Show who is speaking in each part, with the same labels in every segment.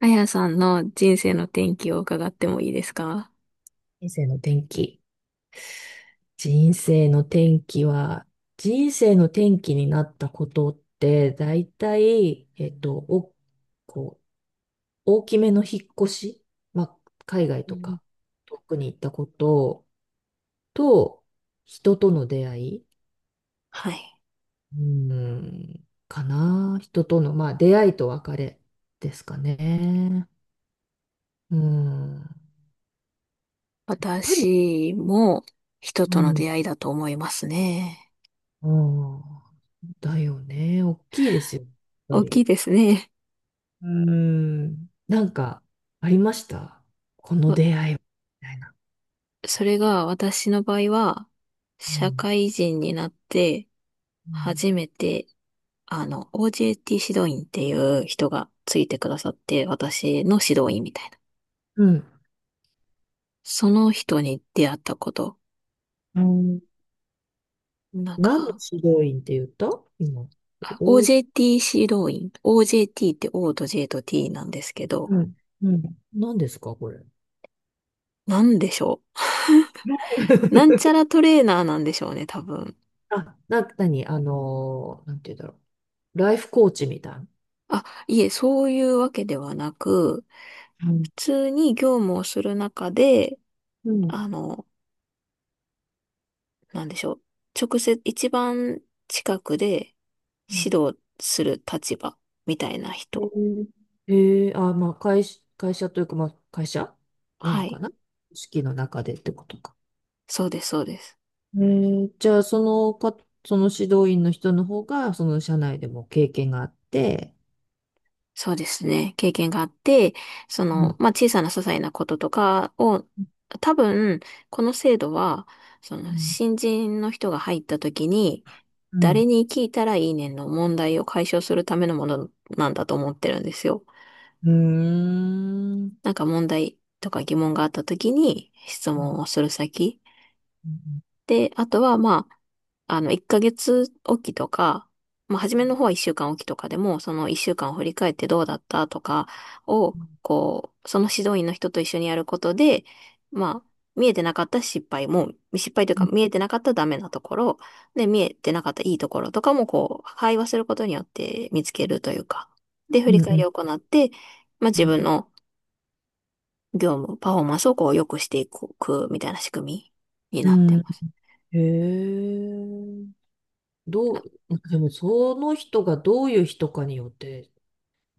Speaker 1: あやさんの人生の転機を伺ってもいいですか？
Speaker 2: 人生の転機。人生の転機は、人生の転機になったことって、だいたい、こう、大きめの引っ越し、まあ、海外とか、遠くに行ったことと、人との出会い、
Speaker 1: はい。
Speaker 2: うん、かな。人との、まあ、出会いと別れですかね。うん。やっぱり、
Speaker 1: 私も人
Speaker 2: う
Speaker 1: との
Speaker 2: ん、
Speaker 1: 出会いだと思いますね。
Speaker 2: うん、だよね。大きいですよ。やっ
Speaker 1: 大
Speaker 2: ぱ
Speaker 1: きい
Speaker 2: り。
Speaker 1: ですね。
Speaker 2: うーん。なんか、ありましたこの
Speaker 1: わ
Speaker 2: 出会いはみたいな。
Speaker 1: それが私の場合は、
Speaker 2: う
Speaker 1: 社
Speaker 2: ん。
Speaker 1: 会人になって
Speaker 2: うん。
Speaker 1: 初めて、OJT 指導員っていう人がついてくださって、私の指導員みたいな。
Speaker 2: うん
Speaker 1: その人に出会ったこと。
Speaker 2: うん。
Speaker 1: なん
Speaker 2: 何の
Speaker 1: か、
Speaker 2: 指導員って言った今。
Speaker 1: あ
Speaker 2: お、
Speaker 1: OJT 指導員。OJT って O と J と T なんですけど、
Speaker 2: うん。うん。何ですかこれ。
Speaker 1: なんでしょう。なんちゃ らトレーナーなんでしょうね、多分。
Speaker 2: あ、な、なに、なんて言うんだろう。ライフコーチみたいな。
Speaker 1: あ、いえ、そういうわけではなく、
Speaker 2: うん
Speaker 1: 普通に業務をする中で、
Speaker 2: うん。
Speaker 1: あの、なんでしょう。直接、一番近くで指導する立場みたいな
Speaker 2: へ
Speaker 1: 人。
Speaker 2: ええーあ、まあ、会社、会社というか、まあ、会社な
Speaker 1: は
Speaker 2: のか
Speaker 1: い。
Speaker 2: な。組織の中でってことか。
Speaker 1: そうです、そうです。
Speaker 2: じゃあ、そのか、その指導員の人の方が、その社内でも経験があって、
Speaker 1: そうですね。経験があって、
Speaker 2: うん、
Speaker 1: まあ、小さな些細なこととかを、多分、この制度は、
Speaker 2: うん、
Speaker 1: 新人の人が入った時に、
Speaker 2: う
Speaker 1: 誰
Speaker 2: ん、
Speaker 1: に聞いたらいいねんの問題を解消するためのものなんだと思ってるんですよ。
Speaker 2: うーん、
Speaker 1: なんか問題とか疑問があった時に質
Speaker 2: う
Speaker 1: 問
Speaker 2: ん、
Speaker 1: をする先
Speaker 2: うん、
Speaker 1: で、あとは、まあ、1ヶ月おきとか、まあ、初めの方は1週間おきとかでも、その1週間を振り返ってどうだったとかを、こう、その指導員の人と一緒にやることで、まあ、見えてなかった失敗も、失敗というか見えてなかったダメなところ、で、見えてなかったいいところとかも、こう、会話することによって見つけるというか、で、振り
Speaker 2: う
Speaker 1: 返り
Speaker 2: ん、
Speaker 1: を行って、まあ、
Speaker 2: う
Speaker 1: 自分
Speaker 2: ん、
Speaker 1: の業務、パフォーマンスをこう、良くしていくみたいな仕組みに
Speaker 2: う
Speaker 1: なって
Speaker 2: ん。
Speaker 1: ます。
Speaker 2: へえ、どう、でも、その人がどういう人かによって、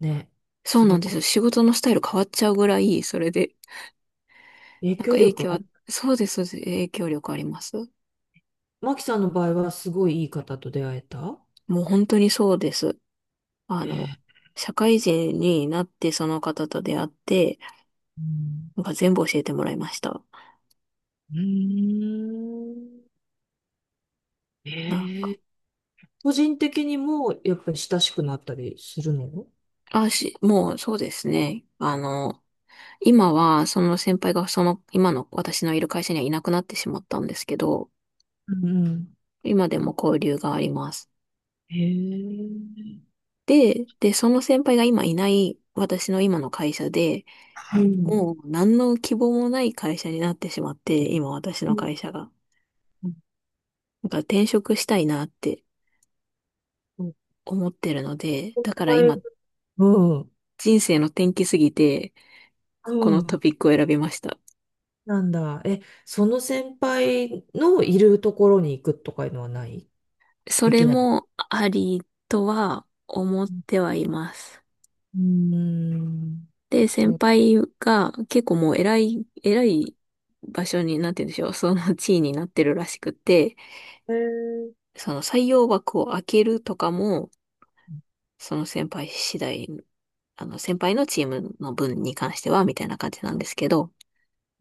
Speaker 2: ね、
Speaker 1: そ
Speaker 2: す
Speaker 1: うな
Speaker 2: ご
Speaker 1: んで
Speaker 2: く
Speaker 1: すよ。仕事のスタイル変わっちゃうぐらい、それで、
Speaker 2: 影
Speaker 1: なんか
Speaker 2: 響
Speaker 1: 影
Speaker 2: 力
Speaker 1: 響
Speaker 2: あ
Speaker 1: は、
Speaker 2: る。
Speaker 1: そうです、そうです、影響力あります。
Speaker 2: マキさんの場合は、すごいいい方と出会えた。
Speaker 1: もう本当にそうです。あの、
Speaker 2: ええ、
Speaker 1: 社会人になってその方と出会って、
Speaker 2: うん、
Speaker 1: なんか全部教えてもらいました。
Speaker 2: うーん、
Speaker 1: なんか、
Speaker 2: ええ。個人的にもやっぱり親しくなったりするの。
Speaker 1: もうそうですね。今は、その先輩が今の私のいる会社にはいなくなってしまったんですけど、
Speaker 2: うんうん。
Speaker 1: 今でも交流があります。
Speaker 2: へえ。
Speaker 1: で、その先輩が今いない私の今の会社で、
Speaker 2: うん。
Speaker 1: もう何の希望もない会社になってしまって、今私
Speaker 2: う
Speaker 1: の
Speaker 2: ん
Speaker 1: 会社が。だから転職したいなって
Speaker 2: うん。
Speaker 1: 思ってるので、
Speaker 2: 先
Speaker 1: だから
Speaker 2: 輩。
Speaker 1: 今
Speaker 2: うん。
Speaker 1: 人生の転機すぎて、
Speaker 2: う
Speaker 1: この
Speaker 2: ん。
Speaker 1: トピックを選びました。
Speaker 2: なんだ。え、その先輩のいるところに行くとかいうのはない。
Speaker 1: そ
Speaker 2: で
Speaker 1: れ
Speaker 2: きない。
Speaker 1: もありとは思ってはいます。
Speaker 2: うーん。
Speaker 1: で、先
Speaker 2: そう。
Speaker 1: 輩が結構もう偉い、偉い場所になんて言うんでしょう。その地位になってるらしくて、
Speaker 2: へえ。
Speaker 1: その採用枠を開けるとかも、その先輩次第、先輩のチームの分に関しては、みたいな感じなんですけど、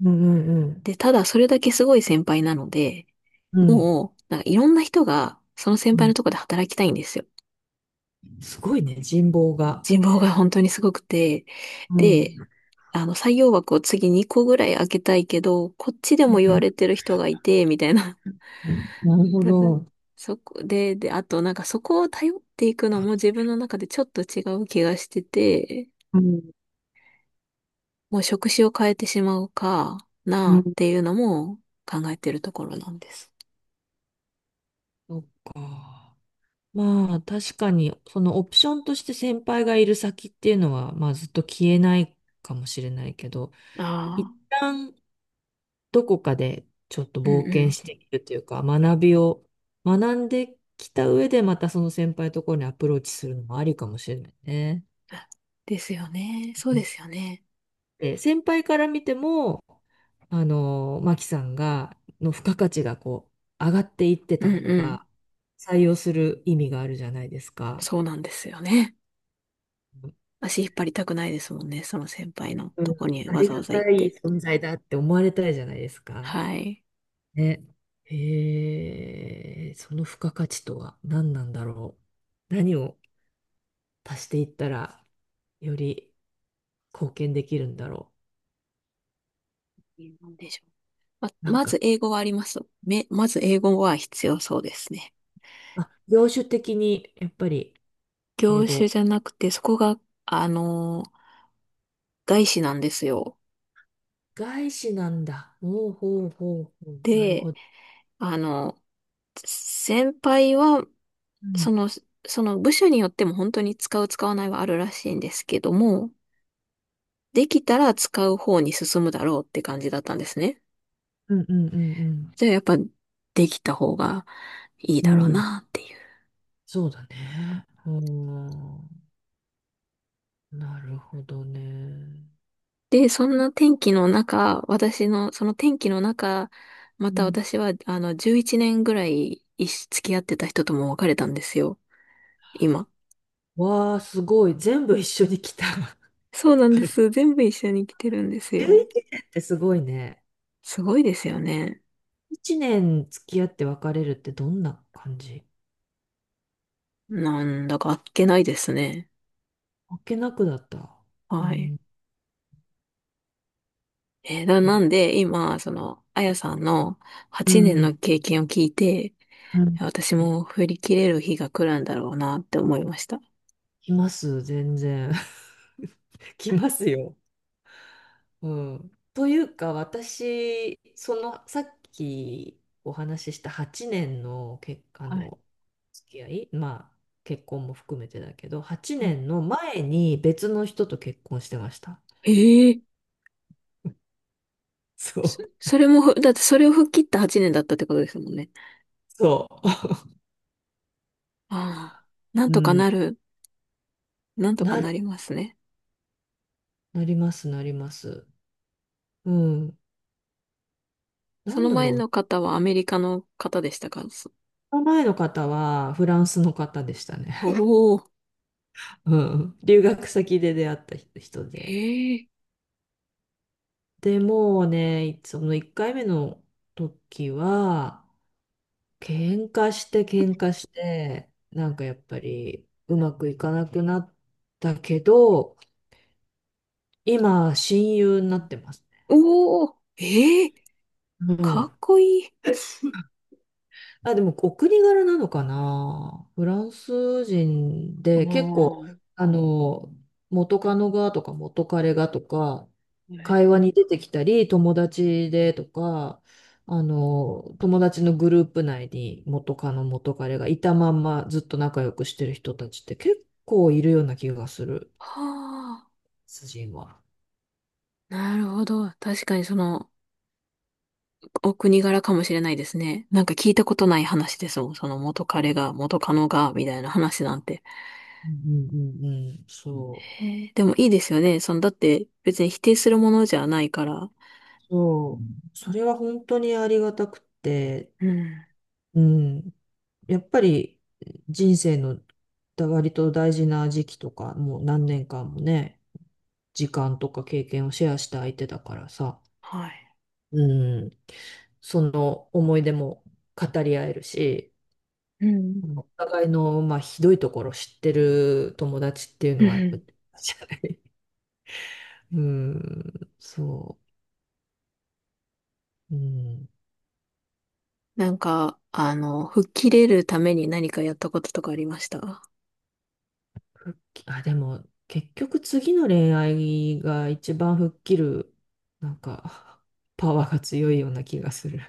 Speaker 2: うんうんうん。
Speaker 1: で、ただそれだけすごい先輩なので、
Speaker 2: うん。
Speaker 1: もう、なんかいろんな人が、その先
Speaker 2: う
Speaker 1: 輩の
Speaker 2: ん。
Speaker 1: とこで働きたいんですよ。
Speaker 2: すごいね、人望が。
Speaker 1: 人望が本当にすごくて、
Speaker 2: う
Speaker 1: で、
Speaker 2: ん。
Speaker 1: 採用枠を次2個ぐらい開けたいけど、こっちでも言われてる人がいて、みたいな。
Speaker 2: なる ほ
Speaker 1: だから、
Speaker 2: ど。
Speaker 1: そこで、で、あとなんかそこを頼っていくのも自分の中でちょっと違う気がしてて、
Speaker 2: うん。
Speaker 1: もう職種を変えてしまうか
Speaker 2: う
Speaker 1: なっ
Speaker 2: ん。
Speaker 1: ていうのも考えてるところなんです。
Speaker 2: そっか。まあ確かに、そのオプションとして先輩がいる先っていうのは、まあずっと消えないかもしれないけど、一
Speaker 1: ああ、
Speaker 2: 旦どこかでちょっと
Speaker 1: うん
Speaker 2: 冒
Speaker 1: う
Speaker 2: 険
Speaker 1: ん。
Speaker 2: しているというか、学びを学んできた上でまたその先輩のところにアプローチするのもありかもしれないね。
Speaker 1: あですよね。そうですよね。
Speaker 2: で、先輩から見ても、あの、マキさんが、の付加価値がこう、上がっていって
Speaker 1: う
Speaker 2: た
Speaker 1: ん
Speaker 2: 方
Speaker 1: うん。
Speaker 2: が、採用する意味があるじゃないですか。
Speaker 1: そうなんですよね。足引っ張りたくないですもんね。その先輩の
Speaker 2: うん、
Speaker 1: とこに
Speaker 2: あ
Speaker 1: わ
Speaker 2: り
Speaker 1: ざわ
Speaker 2: が
Speaker 1: ざ行っ
Speaker 2: たい
Speaker 1: て。
Speaker 2: 存在だって思われたいじゃないですか。
Speaker 1: はい。
Speaker 2: ね。へえ、その付加価値とは何なんだろう。何を足していったらより貢献できるんだろ
Speaker 1: なんでしょう。ま、
Speaker 2: う。なん
Speaker 1: ま
Speaker 2: か、
Speaker 1: ず英語はあります。まず英語は必要そうですね。
Speaker 2: あ、業種的にやっぱり英
Speaker 1: 業種
Speaker 2: 語。
Speaker 1: じゃなくて、そこが、あの、外資なんですよ。
Speaker 2: 外資なんだ。ほうほうほうほう。なる
Speaker 1: で、
Speaker 2: ほど。
Speaker 1: あの、先輩は、
Speaker 2: うん、
Speaker 1: その、その部署によっても本当に使う使わないはあるらしいんですけども、できたら使う方に進むだろうって感じだったんですね。
Speaker 2: うんうんうん
Speaker 1: じゃあやっぱできた方がいい
Speaker 2: う
Speaker 1: だろ
Speaker 2: ん。
Speaker 1: う
Speaker 2: うん。
Speaker 1: なっていう。
Speaker 2: そうだね。うん。なるほどね。
Speaker 1: で、そんな天気の中、私の、その天気の中、ま
Speaker 2: う
Speaker 1: た
Speaker 2: ん。
Speaker 1: 私は11年ぐらい一緒付き合ってた人とも別れたんですよ。今。
Speaker 2: わあ、すごい。全部一緒に来た。
Speaker 1: そうなんです。全部一緒に来てるんですよ。
Speaker 2: 11年ってすごいね。
Speaker 1: すごいですよね。
Speaker 2: 1年付き合って別れるってどんな感じ。
Speaker 1: なんだかあっけないですね。
Speaker 2: あっけなくだった。う
Speaker 1: はい。
Speaker 2: ん。
Speaker 1: な
Speaker 2: え、
Speaker 1: んで、今、あやさんの
Speaker 2: う
Speaker 1: 8年
Speaker 2: ん。
Speaker 1: の経験を聞いて、
Speaker 2: うん。
Speaker 1: 私も振り切れる日が来るんだろうなって思いました。
Speaker 2: 来ます、全然。来ますよ。うん。というか、私、その、さっきお話しした8年の結果の付き合い、まあ、結婚も含めてだけど、8
Speaker 1: うん、
Speaker 2: 年の前に別の人と結婚してました。
Speaker 1: ええ。
Speaker 2: そう。
Speaker 1: それもだってそれを吹っ切った8年だったってことですもんね。
Speaker 2: そ
Speaker 1: ああ、なん
Speaker 2: う。う
Speaker 1: とかな
Speaker 2: ん。
Speaker 1: る、なんとか
Speaker 2: な
Speaker 1: な
Speaker 2: る、
Speaker 1: りますね。
Speaker 2: なります、なります。うん。な
Speaker 1: そ
Speaker 2: ん
Speaker 1: の
Speaker 2: だ
Speaker 1: 前
Speaker 2: ろう。
Speaker 1: の方はアメリカの方でしたか？
Speaker 2: その前の方はフランスの方でしたね。
Speaker 1: おー、
Speaker 2: うん。留学先で出会った人で。
Speaker 1: へえ、
Speaker 2: でもうね、その1回目の時は、喧嘩して喧嘩して、なんかやっぱりうまくいかなくなったけど、今、親友に
Speaker 1: う
Speaker 2: な
Speaker 1: ん、
Speaker 2: ってますね。
Speaker 1: おー、ええ、
Speaker 2: う
Speaker 1: か
Speaker 2: ん。
Speaker 1: っこいい。
Speaker 2: あ、でもお国柄なのかな。フランス人で結構、あの、元カノがとか元彼がとか、会話に出てきたり、友達でとか、あの、友達のグループ内に元カノ元彼がいたまんまずっと仲良くしてる人たちって結構いるような気がする、
Speaker 1: はあ。
Speaker 2: 主人は。
Speaker 1: なるほど。確かにお国柄かもしれないですね。なんか聞いたことない話ですもん。その元彼が、元カノが、みたいな話なんて。
Speaker 2: うんうんうんうん、そう。
Speaker 1: へえ、でもいいですよね。だって別に否定するものじゃないから。
Speaker 2: そう。それは本当にありがたくて、
Speaker 1: うん。
Speaker 2: うん。やっぱり人生のだ割と大事な時期とか、もう何年間もね、時間とか経験をシェアした相手だからさ、
Speaker 1: はい。
Speaker 2: うん、その思い出も語り合えるし、
Speaker 1: うん。
Speaker 2: お互いの、まあ、ひどいところ知ってる友達っていう
Speaker 1: うん
Speaker 2: のはや
Speaker 1: う
Speaker 2: っぱ、
Speaker 1: ん、
Speaker 2: じゃない。うん、そう。うん、
Speaker 1: なんか、吹っ切れるために何かやったこととかありました？
Speaker 2: 復帰、あ、でも結局次の恋愛が一番吹っ切る、なんか、パワーが強いような気がする。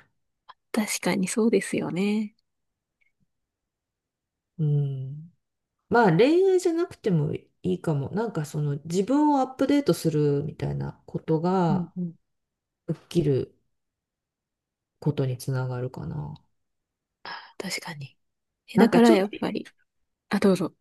Speaker 1: 確かにそうですよね。
Speaker 2: うん。まあ恋愛じゃなくてもいいかも。なんかその自分をアップデートするみたいなこと
Speaker 1: うん
Speaker 2: が
Speaker 1: うん。
Speaker 2: 吹っ切ることにつながるかな。
Speaker 1: 確かに。え、
Speaker 2: な
Speaker 1: だ
Speaker 2: んか
Speaker 1: から
Speaker 2: ちょっと、
Speaker 1: やっぱり。あ、どうぞ。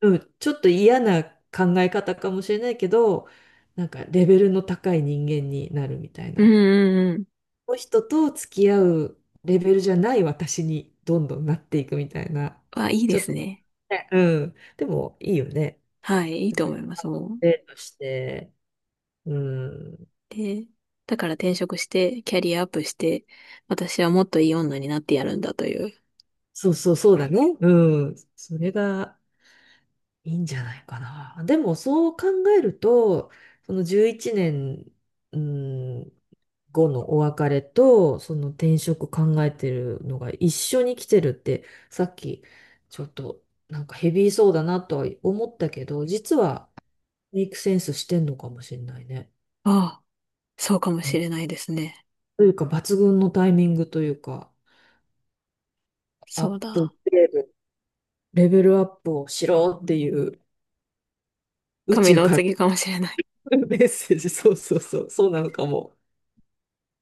Speaker 2: うん、ちょっと嫌な考え方かもしれないけど、なんかレベルの高い人間になるみたい
Speaker 1: うん
Speaker 2: な。
Speaker 1: うんうん。
Speaker 2: この人と付き合うレベルじゃない私にどんどんなっていくみたいな。
Speaker 1: あ、いいで
Speaker 2: ちょっ
Speaker 1: す
Speaker 2: と、
Speaker 1: ね。
Speaker 2: ね、うん。でもいいよね。
Speaker 1: はい、いいと思います。もう。
Speaker 2: デートして、うん。
Speaker 1: で、だから転職して、キャリアアップして、私はもっといい女になってやるんだという。
Speaker 2: そうそう、そうだね。うん。それがいいんじゃないかな。でも、そう考えると、その11年、うん、後のお別れと、その転職考えてるのが一緒に来てるって、さっき、ちょっと、なんかヘビーそうだなとは思ったけど、実は、メイクセンスしてんのかもしれないね。
Speaker 1: ああ、そうかも
Speaker 2: う
Speaker 1: し
Speaker 2: ん。
Speaker 1: れないですね。
Speaker 2: というか、抜群のタイミングというか、ア
Speaker 1: そ
Speaker 2: ッ
Speaker 1: う
Speaker 2: プグ
Speaker 1: だ。
Speaker 2: レード、レベルアップをしろっていう、宇
Speaker 1: 神
Speaker 2: 宙
Speaker 1: のお
Speaker 2: か
Speaker 1: 告
Speaker 2: ら
Speaker 1: げかもしれない。
Speaker 2: メッセージ、そうそうそう、そうなのかも。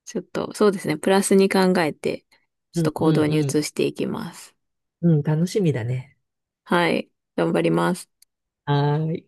Speaker 1: ちょっと、そうですね。プラスに考えて、ちょっ
Speaker 2: うん
Speaker 1: と行
Speaker 2: う
Speaker 1: 動に移
Speaker 2: ん
Speaker 1: していきます。
Speaker 2: うん。うん、楽しみだね。
Speaker 1: はい。頑張ります。
Speaker 2: はーい。